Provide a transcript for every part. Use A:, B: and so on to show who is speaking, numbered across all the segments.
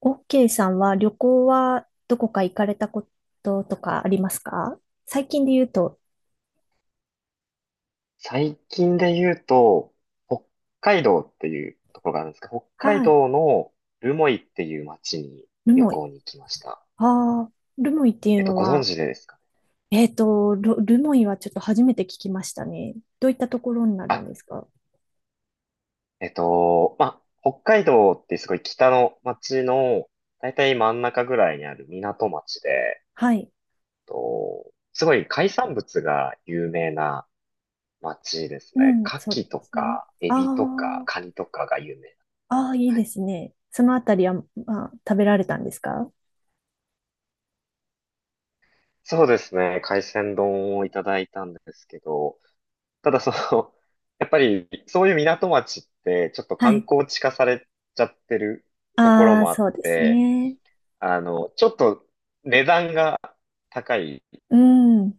A: OK さんは旅行はどこか行かれたこととかありますか？最近で言うと、
B: 最近で言うと、北海道っていうところがあるんですけど、北海
A: はい、
B: 道の留萌っていう町に
A: ル
B: 旅
A: モイ。
B: 行に行きました。
A: ああ、ルモイっていうの
B: ご存
A: は、
B: 知でですかね？
A: ル、ルモイはちょっと初めて聞きましたね。どういったところになる
B: あ、
A: んですか？
B: まあ、北海道ってすごい北の町の、だいたい真ん中ぐらいにある港町で、
A: はい。
B: すごい海産物が有名な町です
A: う
B: ね。
A: ん、そ
B: 牡
A: う
B: 蠣と
A: ですね。
B: か、エ
A: あ
B: ビとか、カニとかが有名。
A: あ、ああ、いい
B: は
A: で
B: い、
A: すね。そのあたりは、まあ、食べられたんですか？
B: そうですね。海鮮丼をいただいたんですけど、ただその、やっぱりそういう港町ってちょっと
A: は
B: 観
A: い。
B: 光地化されちゃってるところ
A: ああ、
B: もあっ
A: そうです
B: て、
A: ね。
B: ちょっと値段が高い
A: うん。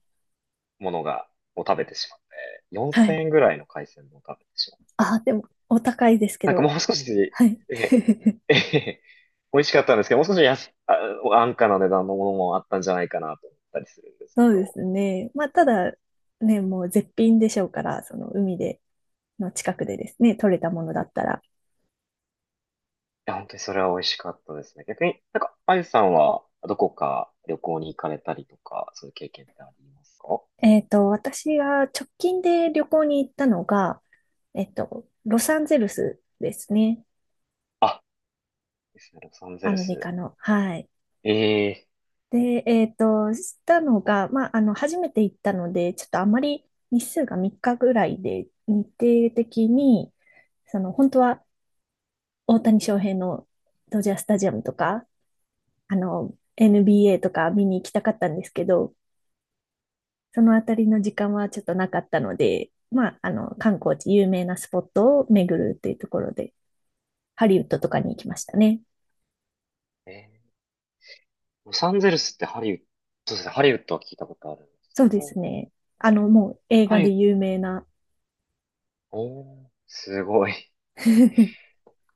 B: ものが、を食べてしまって、
A: は
B: 4000
A: い。
B: 円ぐらいの海鮮丼を食べてしまう。
A: ああ、でも、お高いですけ
B: なんか
A: ど、
B: もう少し、
A: はい。
B: え、え、美味しかったんですけど、もう少し安価な値段のものもあったんじゃないかなと思ったりするんですけ
A: そうで
B: ど。
A: すね。まあ、ただ、ね、もう絶品でしょうから、その海で、の近くでですね、取れたものだったら。
B: や、本当にそれは美味しかったですね。逆になんか、あゆさんはどこか旅行に行かれたりとか、そういう経験ってありますか？
A: 私が直近で旅行に行ったのが、ロサンゼルスですね。
B: あ、ですね、ロサンゼ
A: ア
B: ル
A: メリ
B: ス。
A: カの。はい。
B: ええ
A: で、したのが、まあ、初めて行ったので、ちょっとあまり日数が3日ぐらいで、日程的に、その、本当は大谷翔平のドジャースタジアムとか、NBA とか見に行きたかったんですけど、そのあたりの時間はちょっとなかったので、まあ、観光地、有名なスポットを巡るっていうところで、ハリウッドとかに行きましたね。
B: えーロサンゼルスってハリウッド、そうですね、ハリウッドは聞いたことあるんです
A: そう
B: け
A: で
B: ど、
A: すね。
B: なんか、
A: もう映
B: ハ
A: 画
B: リウッ
A: で
B: ド、
A: 有名な。
B: おー、すごい。す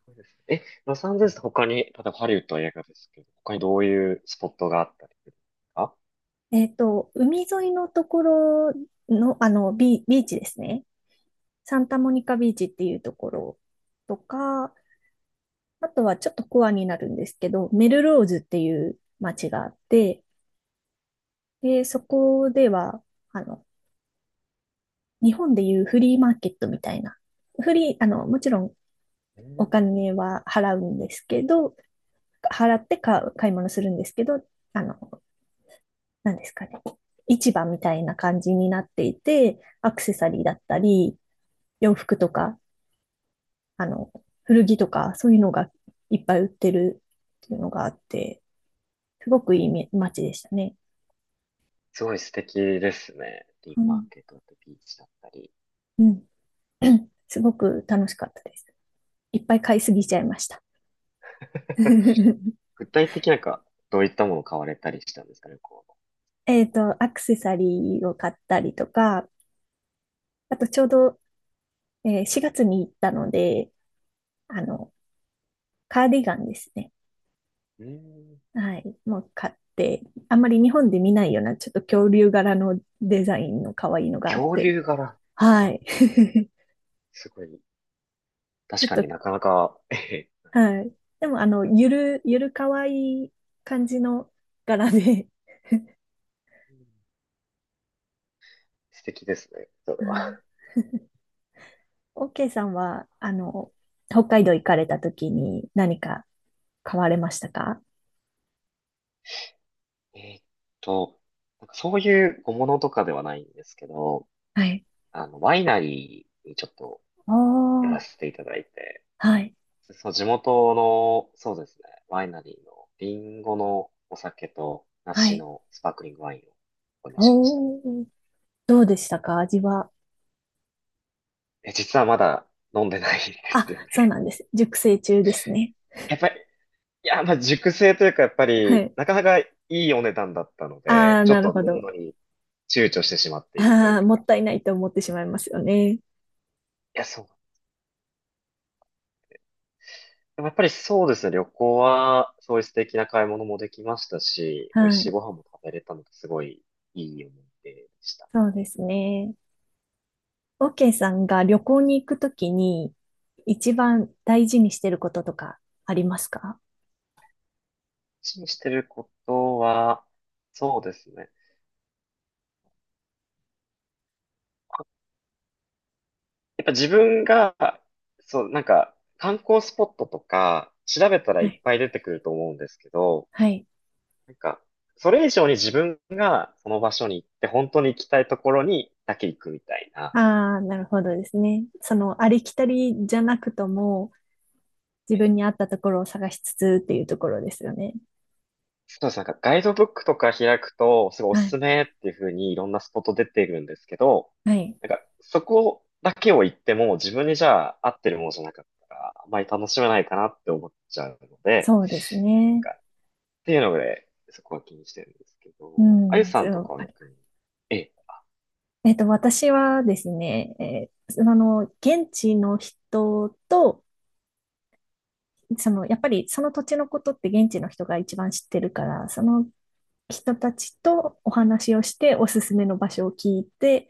B: ごいですねえ、ロサンゼルスって他に、例えばハリウッドは映画ですけど、他にどういうスポットがあったりするんですか？
A: 海沿いのところの、ビーチですね。サンタモニカビーチっていうところとか、あとはちょっとコアになるんですけど、メルローズっていう街があって、で、そこでは、あの、日本でいうフリーマーケットみたいな。フリー、もちろん
B: え
A: お
B: ー
A: 金は払うんですけど、払って買う、買い物するんですけど、あの、なんですかね。市場みたいな感じになっていて、アクセサリーだったり、洋服とか、あの、古着とか、そういうのがいっぱい売ってるっていうのがあって、すごくいいみ街でしたね。
B: すごい素敵ですね。リ
A: う
B: ーマー
A: ん。
B: ケットだったりビーチだったり。
A: うん。すごく楽しかったです。いっぱい買いすぎちゃいました。
B: 具体的なんか、どういったものを買われたりしたんですかね、こ
A: アクセサリーを買ったりとか、あとちょうど、4月に行ったので、あの、カーディガンですね。
B: う。うーん、
A: はい。もう買って、あんまり日本で見ないような、ちょっと恐竜柄のデザインの可愛いのがあっ
B: 恐
A: て、
B: 竜柄。
A: は
B: あ、
A: い。
B: すごい。
A: ち
B: 確
A: ょっ
B: か
A: と、
B: になかなか、えへ、
A: はい。でも、ゆる可愛い感じの柄で、
B: 素敵ですね、それ
A: う
B: は。
A: ん。オーケーさんは、北海道行かれた時に何か買われましたか？
B: えーっと、なんかそういう小物とかではないんですけど、
A: はい。
B: ワイナリーにちょっと寄ら
A: あ
B: せ
A: あ、
B: ていただいて、
A: はい。
B: そう、地元の、そうですね、ワイナリーのリンゴのお酒と
A: は
B: 梨
A: い。
B: のスパークリングワインを購入しました。
A: おー。どうでしたか味は。
B: 実はまだ飲んでないんで
A: あ、
B: すよ
A: そう
B: ね。
A: なんです。熟成中ですね。
B: やっぱりいや、まあ、熟成というか、やっぱ
A: は
B: り、
A: い。
B: なかなかいいお値段だったので、
A: ああ、
B: ちょっ
A: なる
B: と
A: ほ
B: 飲む
A: ど。
B: のに躊躇してしまっているとい
A: あ
B: う
A: ー、も
B: か。
A: ったいないと思ってしまいますよね。
B: いや、そう。でもやっぱりそうですね、旅行は、そういう素敵な買い物もできましたし、美味
A: は
B: しい
A: い。
B: ご飯も食べれたので、すごいいい思い出でした。
A: そうですね。オーケーさんが旅行に行くときに一番大事にしてることとかありますか？
B: 一緒にしてることは、そうですね。やっぱ自分が、そう、なんか、観光スポットとか、調べたら
A: は
B: いっ
A: い。
B: ぱい出てくると思うんですけど、
A: はい。
B: なんか、それ以上に自分がその場所に行って、本当に行きたいところにだけ行くみたいな。
A: ああ、なるほどですね。その、ありきたりじゃなくとも、自
B: ええ、
A: 分に合ったところを探しつつっていうところですよね。
B: そうです。なんかガイドブックとか開くと、すごいお
A: は
B: す
A: い。
B: すめっていう風にいろんなスポット出てるんですけど、
A: はい。
B: なんかそこだけを行っても自分にじゃあ合ってるものじゃなかったら、あまり楽しめないかなって思っちゃうので、
A: そうですね。
B: なんかっていうので、そこは気にしてるんですけ
A: う
B: ど、あゆ
A: ん、
B: さ
A: そ
B: んとか
A: う、
B: は
A: あり、
B: 逆に、ええ。
A: 私はですね、あの、現地の人と、その、やっぱりその土地のことって現地の人が一番知ってるから、その人たちとお話をして、おすすめの場所を聞いて、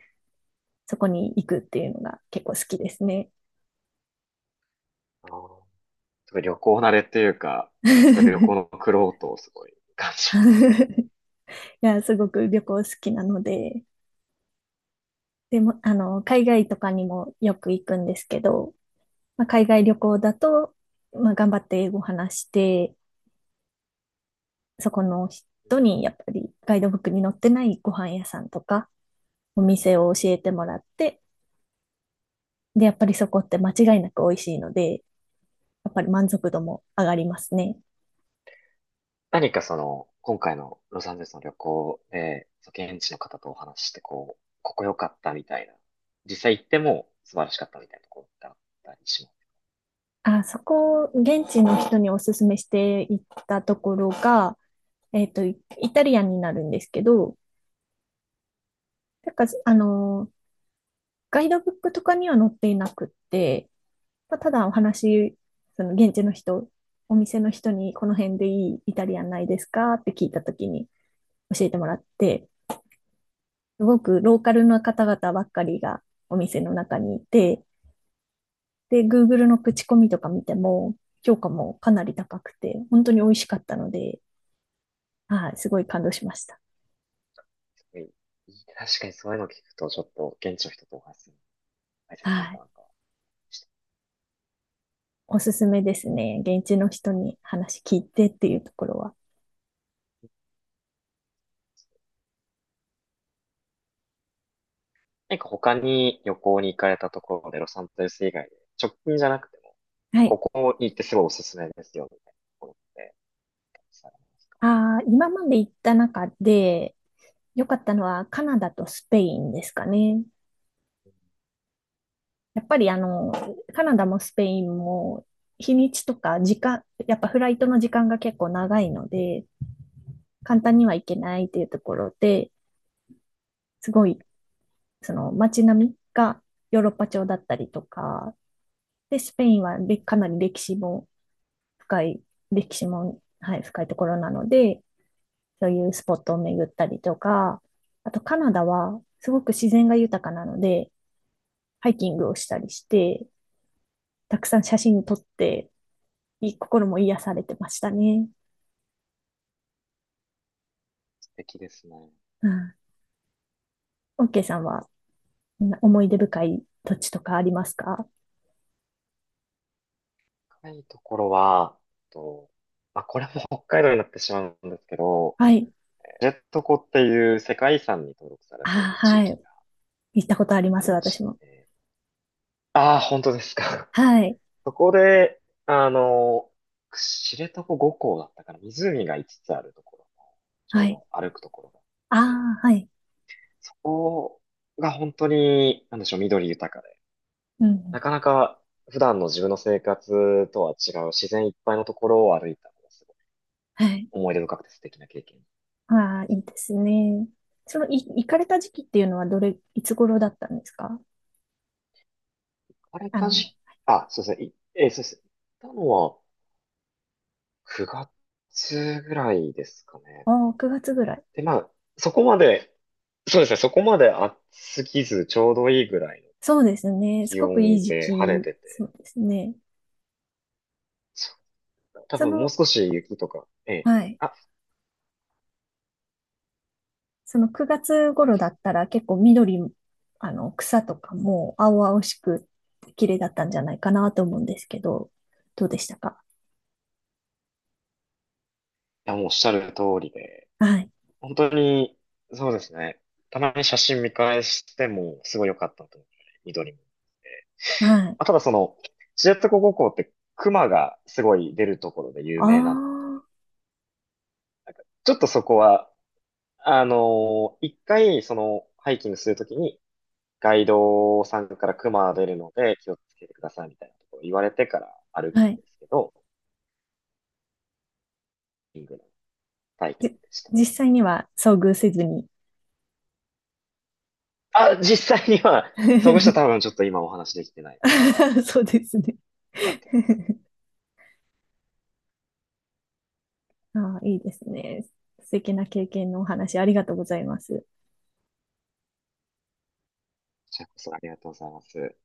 A: そこに行くっていうのが結構好きですね。
B: すごい旅行慣れというか、すごい旅行
A: い
B: の苦労とをすごい感じますね。
A: や、すごく旅行好きなので、でも、海外とかにもよく行くんですけど、まあ、海外旅行だと、まあ、頑張って英語話して、そこの人にやっぱりガイドブックに載ってないご飯屋さんとかお店を教えてもらって、で、やっぱりそこって間違いなく美味しいので、やっぱり満足度も上がりますね。
B: 何かその、今回のロサンゼルスの旅行で、その現地の方とお話しして、こう、ここ良かったみたいな、実際行っても素晴らしかったみたいなところってあったりします？
A: あ、そこ、現地の人におすすめしていったところが、イイタリアンになるんですけど、なんか、ガイドブックとかには載っていなくって、まあ、ただお話、その現地の人、お店の人にこの辺でいいイタリアンないですかって聞いたときに、教えてもらって、すごくローカルの方々ばっかりがお店の中にいて、で、
B: うん、
A: Google の口コミとか見ても、評価もかなり高くて、本当に美味しかったので、はい、す
B: う
A: ごい
B: ん、
A: 感動しました。
B: すごいいい、確かにそういうのを聞くと、ちょっと現地の人とお話しするの大切なん
A: は
B: だ
A: い。
B: なとはして。
A: おすすめですね。現地の人に話聞いてっていうところは。
B: 何か他に旅行に行かれたところで、ロサンゼルス以外で、直近じゃなくても、
A: は
B: こ
A: い。
B: こに行ってすごいおすすめですよ、みたいなところって、たくさんあります？
A: あー、今まで行った中で良かったのはカナダとスペインですかね。やっぱりカナダもスペインも日にちとか時間、やっぱフライトの時間が結構長いので、簡単には行けないっていうところで、すごい、その街並みがヨーロッパ調だったりとか、で、スペインはでかなり歴史も深い、歴史も、はい、深いところなので、そういうスポットを巡ったりとか、あとカナダはすごく自然が豊かなので、ハイキングをしたりして、たくさん写真撮って、いい心も癒されてましたね。
B: 素敵ですね。
A: うん。オッケーさんは思い出深い土地とかありますか？
B: 深いところは、と、まあ、これも北海道になってしまうんですけど、
A: はい。
B: ジェット湖っていう世界遺産に登録され
A: あ、
B: ている地
A: は
B: 域
A: い。
B: が
A: 行ったことありま
B: あ
A: す、
B: りま
A: 私
B: し
A: も。
B: て、ああ、本当ですか。
A: はい。
B: そこで、あの、知床五湖だったかな、湖が5つつあるところの、ち
A: は
B: ょう
A: い。
B: ど歩くところなんで
A: あ
B: すけれど、
A: あ、はい。
B: そこが本当に、なんでしょう、緑豊かで、
A: うん。
B: なかなか普段の自分の生活とは違う自然いっぱいのところを歩いたんです。
A: はい。
B: 思い出深くて素敵な経験で
A: ああ、い
B: す。
A: いですね。その、い、行かれた時期っていうのはどれ、いつ頃だったんですか？
B: あれ
A: あ
B: た
A: の、
B: じ、あ、そうですね。いえーそうです。行ったのは9月ぐらいですかね。
A: ああ、9月ぐらい。
B: で、まあ、そこまで、そうですね。そこまで暑すぎず、ちょうどいいぐらいの
A: そうですね。す
B: 気
A: ごくい
B: 温
A: い時
B: で晴れ
A: 期。
B: て
A: そ
B: て、
A: うですね。
B: そう多
A: そ
B: 分もう
A: の、
B: 少し雪とか、ええ、
A: はい。
B: あ、い
A: その9月頃だったら結構緑、草とかも青々しく綺麗だったんじゃないかなと思うんですけど、どうでしたか？
B: やもうおっしゃる通りで、
A: はい。
B: 本当に、そうですね。たまに写真見返しても、すごい良かったと思う。緑も。
A: はい。
B: まあ、ただその、知床五湖って熊がすごい出るところで有
A: あ
B: 名なの。ちょっとそこは、あの一回そのハイキングするときにガイドさんから熊出るので気をつけてくださいみたいなところ言われてから歩
A: あ、
B: く
A: は
B: ん
A: い。
B: ですけど、ハイキングの体験
A: じ、
B: でした。
A: 実際には遭遇せずに。
B: あ、実際には、そ遇した多 分ちょっと今お話できてないと。
A: そうですね。
B: よかったです。
A: ああ、いいですね。素敵な経験のお話ありがとうございます。
B: じゃあこそありがとうございます。